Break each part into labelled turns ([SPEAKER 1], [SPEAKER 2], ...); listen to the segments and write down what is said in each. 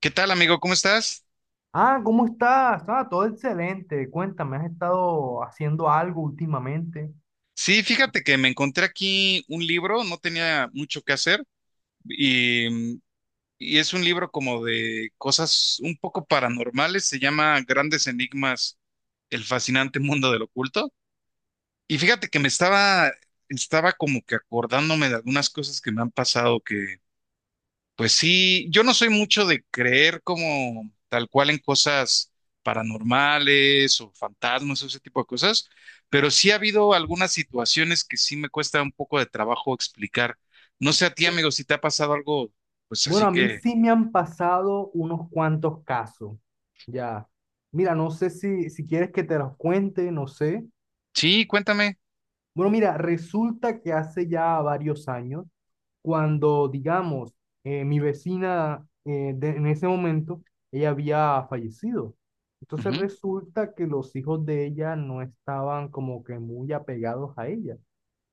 [SPEAKER 1] ¿Qué tal, amigo? ¿Cómo estás?
[SPEAKER 2] Ah, ¿cómo estás? Ah, todo excelente. Cuéntame, ¿has estado haciendo algo últimamente?
[SPEAKER 1] Sí, fíjate que me encontré aquí un libro, no tenía mucho que hacer y, mm, y es un libro como de cosas un poco paranormales, se llama Grandes Enigmas, el fascinante mundo del oculto. Y fíjate que estaba como que acordándome de algunas cosas que me han pasado que pues sí, yo no soy mucho de creer como tal cual en cosas paranormales o fantasmas o ese tipo de cosas, pero sí ha habido algunas situaciones que sí me cuesta un poco de trabajo explicar. No sé a ti, amigo, si te ha pasado algo, pues
[SPEAKER 2] Bueno,
[SPEAKER 1] así
[SPEAKER 2] a mí
[SPEAKER 1] que
[SPEAKER 2] sí me han pasado unos cuantos casos. Ya. Mira, no sé si quieres que te los cuente, no sé.
[SPEAKER 1] sí, cuéntame.
[SPEAKER 2] Bueno, mira, resulta que hace ya varios años, cuando, digamos, mi vecina en ese momento, ella había fallecido. Entonces
[SPEAKER 1] Ujú.
[SPEAKER 2] resulta que los hijos de ella no estaban como que muy apegados a ella.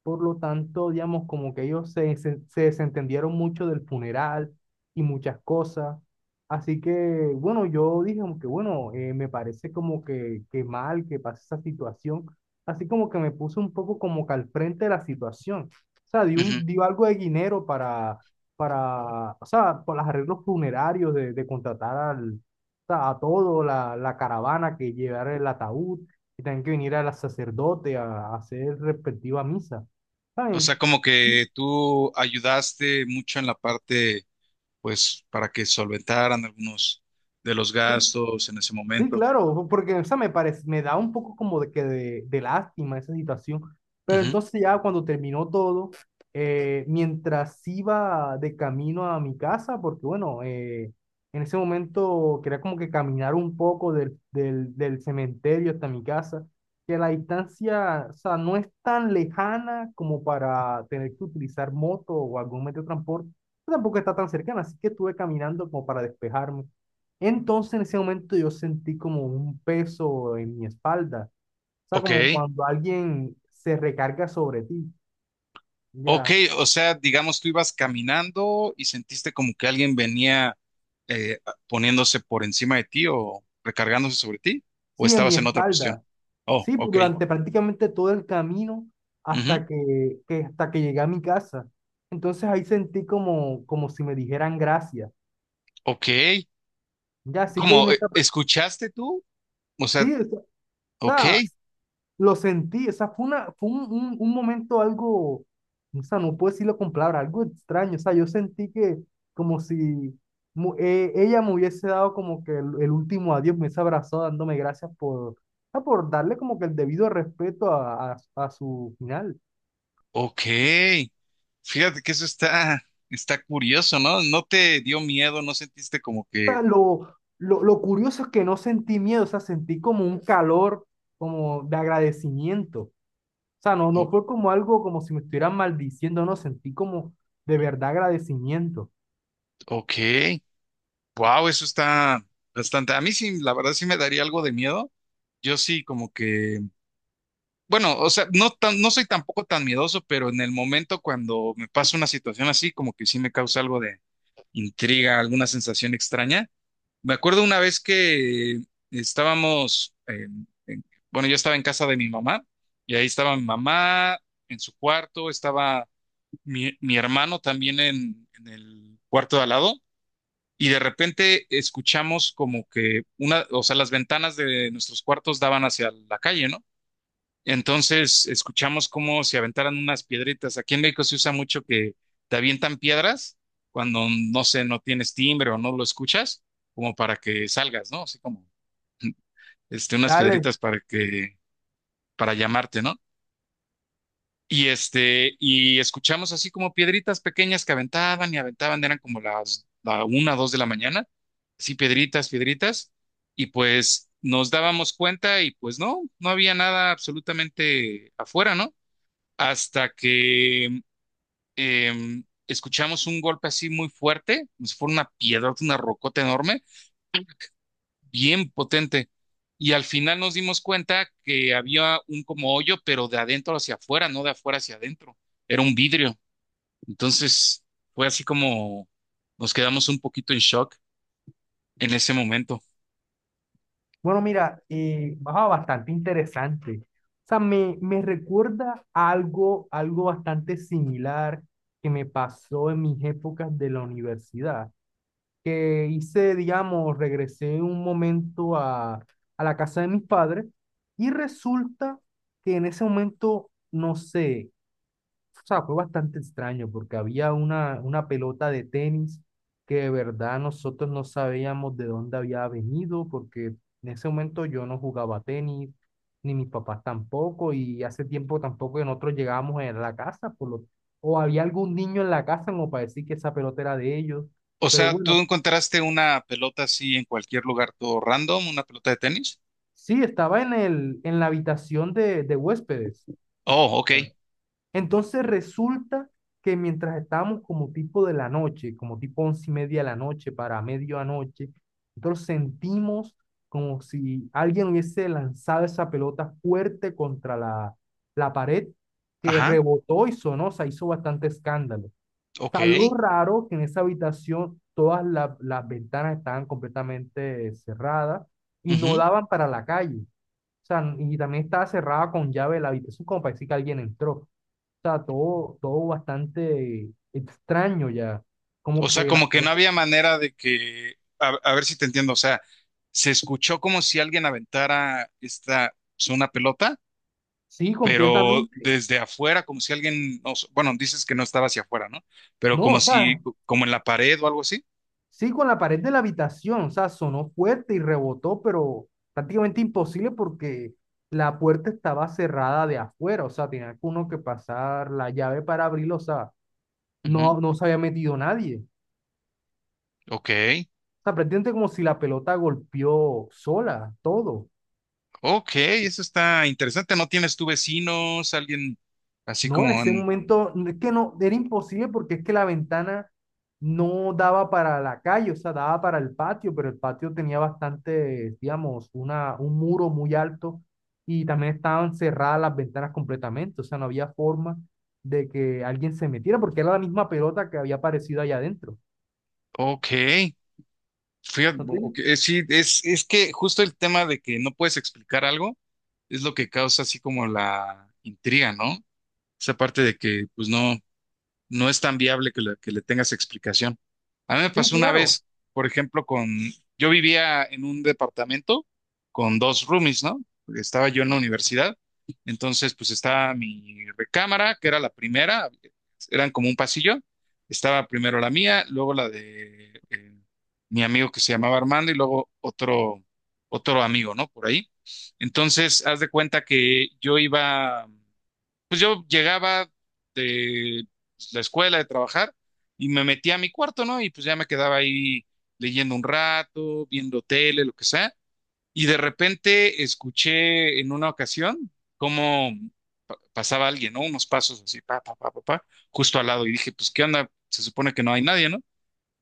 [SPEAKER 2] Por lo tanto, digamos, como que ellos se desentendieron mucho del funeral y muchas cosas. Así que, bueno, yo dije como que, bueno, me parece como que mal que pase esa situación. Así como que me puse un poco como que al frente de la situación. O sea,
[SPEAKER 1] Ujú.
[SPEAKER 2] dio algo de dinero para, o sea, por los arreglos funerarios de contratar al, o sea, a todo, la caravana que llevara el ataúd y también que viniera el sacerdote a hacer respectiva misa.
[SPEAKER 1] O sea,
[SPEAKER 2] ¿Saben?
[SPEAKER 1] como que tú ayudaste mucho en la parte, pues, para que solventaran algunos de los
[SPEAKER 2] Sí,
[SPEAKER 1] gastos en ese
[SPEAKER 2] sí,
[SPEAKER 1] momento.
[SPEAKER 2] claro, porque o sea, me parece, me da un poco como de de lástima esa situación, pero
[SPEAKER 1] Ujú.
[SPEAKER 2] entonces ya cuando terminó todo, mientras iba de camino a mi casa, porque bueno, en ese momento quería como que caminar un poco del cementerio hasta mi casa, que la distancia, o sea, no es tan lejana como para tener que utilizar moto o algún medio de transporte, tampoco está tan cercana, así que estuve caminando como para despejarme. Entonces en ese momento yo sentí como un peso en mi espalda, o sea,
[SPEAKER 1] Ok.
[SPEAKER 2] como cuando alguien se recarga sobre ti,
[SPEAKER 1] Ok,
[SPEAKER 2] ya,
[SPEAKER 1] o sea, digamos, tú ibas caminando y sentiste como que alguien venía eh, poniéndose por encima de ti o recargándose sobre ti, o
[SPEAKER 2] sí, en mi
[SPEAKER 1] estabas en otra posición.
[SPEAKER 2] espalda,
[SPEAKER 1] Oh,
[SPEAKER 2] sí, pues,
[SPEAKER 1] ok.
[SPEAKER 2] durante prácticamente todo el camino
[SPEAKER 1] Ujú.
[SPEAKER 2] hasta hasta que llegué a mi casa. Entonces ahí sentí como, como si me dijeran gracias,
[SPEAKER 1] Ok.
[SPEAKER 2] ya, así que en
[SPEAKER 1] Como,
[SPEAKER 2] esa,
[SPEAKER 1] ¿escuchaste tú? O sea,
[SPEAKER 2] sí, o
[SPEAKER 1] ok.
[SPEAKER 2] sea, lo sentí, o sea, fue un momento algo, o sea, no puedo decirlo con palabras, algo extraño, o sea, yo sentí que como si ella me hubiese dado como que el último adiós, me hubiese abrazado dándome gracias por, ah, por darle como que el debido respeto a su final.
[SPEAKER 1] Ok. Fíjate que está curioso, ¿no? No te dio miedo, no sentiste como
[SPEAKER 2] O sea,
[SPEAKER 1] que
[SPEAKER 2] lo curioso es que no sentí miedo, o sea, sentí como un calor, como de agradecimiento. O sea, no, no
[SPEAKER 1] o-
[SPEAKER 2] fue como algo como si me estuvieran maldiciendo, no, sentí como de verdad agradecimiento.
[SPEAKER 1] ok, wow, eso está bastante. A mí sí, la verdad sí me daría algo de miedo. Yo sí, como que. Bueno, o sea, no tan, no soy tampoco tan miedoso, pero en el momento cuando me pasa una situación así, como que sí me causa algo de intriga, alguna sensación extraña. Me acuerdo una vez que estábamos, eh, en- bueno, yo estaba en casa de mi mamá y ahí estaba mi mamá en su cuarto, estaba mi hermano también en el cuarto de al lado y de repente escuchamos como que una, o sea, las ventanas de nuestros cuartos daban hacia la calle, ¿no? Entonces escuchamos cómo se aventaran unas piedritas. Aquí en México se usa mucho que te avientan piedras cuando, no sé, no tienes timbre o no lo escuchas, como para que salgas, ¿no? Así como este, unas
[SPEAKER 2] Dale.
[SPEAKER 1] piedritas para que, para llamarte, ¿no? Y este, y escuchamos así como piedritas pequeñas que aventaban y aventaban, eran como las la una, dos de la mañana, así piedritas, piedritas, y pues nos dábamos cuenta y pues no, no había nada absolutamente afuera, ¿no? Hasta que escuchamos un golpe así muy fuerte, pues fue una piedra, una rocota enorme, bien potente. Y al final nos dimos cuenta que había un como hoyo, pero de adentro hacia afuera, no de afuera hacia adentro. Era un vidrio. Entonces fue así como nos quedamos un poquito en shock en ese momento.
[SPEAKER 2] Bueno, mira, bastante interesante. O sea, me recuerda a algo, algo bastante similar que me pasó en mis épocas de la universidad, que hice, digamos, regresé un momento a la casa de mis padres y resulta que en ese momento, no sé, o sea, fue bastante extraño porque había una pelota de tenis que de verdad nosotros no sabíamos de dónde había venido porque en ese momento yo no jugaba tenis, ni mis papás tampoco, y hace tiempo tampoco que nosotros llegábamos a la casa, por lo, o había algún niño en la casa como para decir que esa pelota era de ellos,
[SPEAKER 1] O
[SPEAKER 2] pero
[SPEAKER 1] sea, ¿tú
[SPEAKER 2] bueno,
[SPEAKER 1] encontraste una pelota así en cualquier lugar, todo random, una pelota de tenis?
[SPEAKER 2] sí, estaba en el, en la habitación de huéspedes.
[SPEAKER 1] Oh, ok.
[SPEAKER 2] Entonces resulta que mientras estábamos como tipo de la noche, como tipo once y media de la noche para medianoche, nosotros sentimos como si alguien hubiese lanzado esa pelota fuerte contra la, la pared que
[SPEAKER 1] Ajá,
[SPEAKER 2] rebotó y sonó, o sea, hizo bastante escándalo. O
[SPEAKER 1] ok.
[SPEAKER 2] sea, lo raro que en esa habitación las ventanas estaban completamente cerradas y no
[SPEAKER 1] Ujú.
[SPEAKER 2] daban para la calle. O sea, y también estaba cerrada con llave la habitación como para decir que alguien entró sea, todo, todo bastante extraño ya. Como
[SPEAKER 1] O sea,
[SPEAKER 2] que la
[SPEAKER 1] como que no
[SPEAKER 2] pelota,
[SPEAKER 1] había manera de que, a ver si te entiendo, o sea, se escuchó como si alguien aventara esta, pues, una pelota,
[SPEAKER 2] sí,
[SPEAKER 1] pero
[SPEAKER 2] completamente.
[SPEAKER 1] desde afuera, como si alguien, no sé, bueno, dices que no estaba hacia afuera, ¿no? Pero
[SPEAKER 2] No, o
[SPEAKER 1] como si,
[SPEAKER 2] sea,
[SPEAKER 1] como en la pared o algo así.
[SPEAKER 2] sí, con la pared de la habitación, o sea, sonó fuerte y rebotó, pero prácticamente imposible porque la puerta estaba cerrada de afuera, o sea, tenía que uno que pasar la llave para abrirlo o sea,
[SPEAKER 1] Ujú.
[SPEAKER 2] no, no se había metido nadie.
[SPEAKER 1] Ok,
[SPEAKER 2] O sea, prácticamente como si la pelota golpeó sola, todo.
[SPEAKER 1] ok, eso está interesante. ¿No tienes tú vecinos, alguien así
[SPEAKER 2] No, en
[SPEAKER 1] como
[SPEAKER 2] ese
[SPEAKER 1] en...
[SPEAKER 2] momento no, es que no, era imposible porque es que la ventana no daba para la calle, o sea, daba para el patio, pero el patio tenía bastante, digamos, una, un muro muy alto y también estaban cerradas las ventanas completamente, o sea, no había forma de que alguien se metiera porque era la misma pelota que había aparecido allá adentro.
[SPEAKER 1] Ok, fíjate,
[SPEAKER 2] ¿No te
[SPEAKER 1] ok,
[SPEAKER 2] digo?
[SPEAKER 1] sí, es que justo el tema de que no puedes explicar algo es lo que causa así como la intriga, ¿no? Esa parte de que, pues no no es tan viable que que le tengas explicación. A mí me
[SPEAKER 2] Sí,
[SPEAKER 1] pasó una
[SPEAKER 2] claro,
[SPEAKER 1] vez, por ejemplo, yo vivía en un departamento con dos roomies, ¿no? Estaba yo en la universidad, entonces pues estaba mi recámara, que era la primera, eran como un pasillo, estaba primero la mía, luego la de mi amigo que se llamaba Armando y luego otro amigo, ¿no? Por ahí. Entonces, haz de cuenta que yo iba pues yo llegaba de pues, la escuela, de trabajar, y me metía a mi cuarto, ¿no? Y pues ya me quedaba ahí leyendo un rato, viendo tele, lo que sea. Y de repente escuché en una ocasión cómo pasaba alguien, ¿no? Unos pasos así, pa, pa, pa, pa, pa, justo al lado. Y dije, pues, ¿qué onda? Se supone que no hay nadie, ¿no?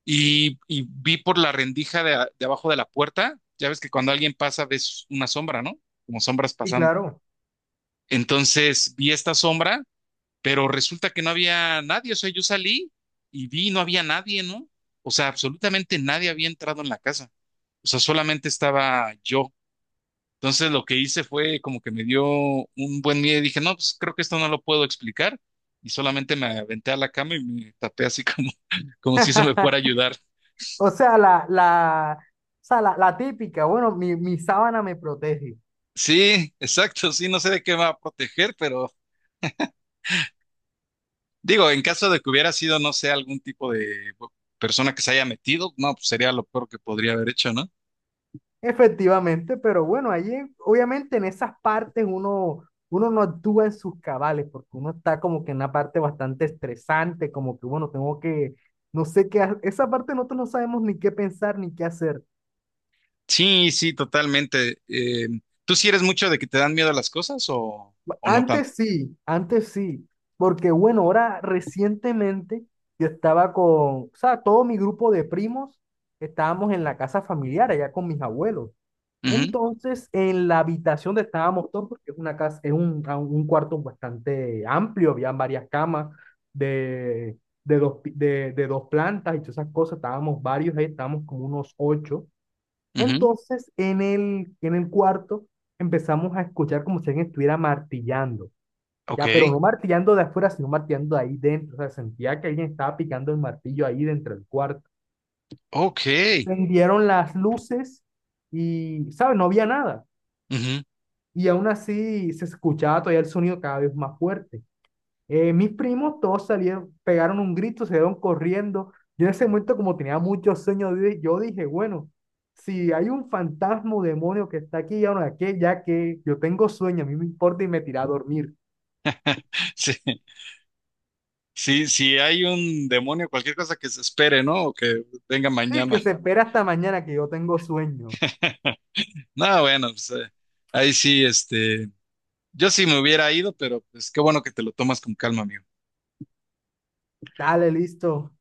[SPEAKER 1] Y vi por la rendija de abajo de la puerta, ya ves que cuando alguien pasa ves una sombra, ¿no? Como sombras
[SPEAKER 2] sí,
[SPEAKER 1] pasando.
[SPEAKER 2] claro.
[SPEAKER 1] Entonces vi esta sombra pero resulta que no había nadie, o sea, yo salí y vi, y no había nadie, ¿no? O sea, absolutamente nadie había entrado en la casa, o sea, solamente estaba yo. Entonces lo que hice fue como que me dio un buen miedo y dije, no, pues creo que esto no lo puedo explicar. Y solamente me aventé a la cama y me tapé así como, como si eso me fuera a ayudar.
[SPEAKER 2] O sea, o sea, la típica, bueno, mi sábana me protege.
[SPEAKER 1] Sí, exacto, sí, no sé de qué me va a proteger, pero digo, en caso de que hubiera sido, no sé, algún tipo de persona que se haya metido, no, pues sería lo peor que podría haber hecho, ¿no?
[SPEAKER 2] Efectivamente, pero bueno, allí obviamente en esas partes uno, uno no actúa en sus cabales, porque uno está como que en una parte bastante estresante, como que bueno, tengo que, no sé qué, ha- esa parte nosotros no sabemos ni qué pensar ni qué hacer.
[SPEAKER 1] Sí, sí, totalmente. ¿Tú sí eres mucho de que te dan miedo las cosas o no tanto?
[SPEAKER 2] Antes sí, porque bueno, ahora recientemente yo estaba con, o sea, todo mi grupo de primos estábamos en la casa familiar allá con mis abuelos.
[SPEAKER 1] Ujú,
[SPEAKER 2] Entonces, en la habitación donde estábamos todos, porque es una casa, es un, a- un cuarto bastante amplio, había varias camas de, de, de dos plantas y todas esas cosas, estábamos varios ahí, estábamos como unos ocho.
[SPEAKER 1] ujú.
[SPEAKER 2] Entonces, en el cuarto empezamos a escuchar como si alguien estuviera martillando.
[SPEAKER 1] Ok,
[SPEAKER 2] Ya, pero no martillando de afuera, sino martillando de ahí dentro. O sea, sentía que alguien estaba picando el martillo ahí dentro del cuarto.
[SPEAKER 1] ok.
[SPEAKER 2] Prendieron las luces y, ¿sabes? No había nada.
[SPEAKER 1] Ujú.
[SPEAKER 2] Y aún así se escuchaba todavía el sonido cada vez más fuerte. Mis primos todos salieron, pegaron un grito, se dieron corriendo. Yo en ese momento, como tenía muchos sueños, di- yo dije, bueno, si hay un fantasma o demonio que está aquí, ya no, que, ya que yo tengo sueño, a mí me importa y me tiré a dormir.
[SPEAKER 1] Sí, sí, sí hay un demonio, cualquier cosa que se espere, ¿no? O que venga
[SPEAKER 2] Sí,
[SPEAKER 1] mañana.
[SPEAKER 2] que se espera hasta mañana que yo tengo sueño.
[SPEAKER 1] No, bueno, pues ahí sí, este, yo sí me hubiera ido, pero pues qué bueno que te lo tomas con calma, amigo.
[SPEAKER 2] Dale, listo.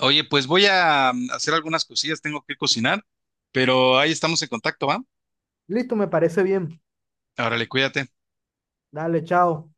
[SPEAKER 1] Oye, pues voy a hacer algunas cosillas, tengo que cocinar, pero ahí estamos en contacto, ¿va?
[SPEAKER 2] Listo, me parece bien.
[SPEAKER 1] Órale, cuídate.
[SPEAKER 2] Dale, chao.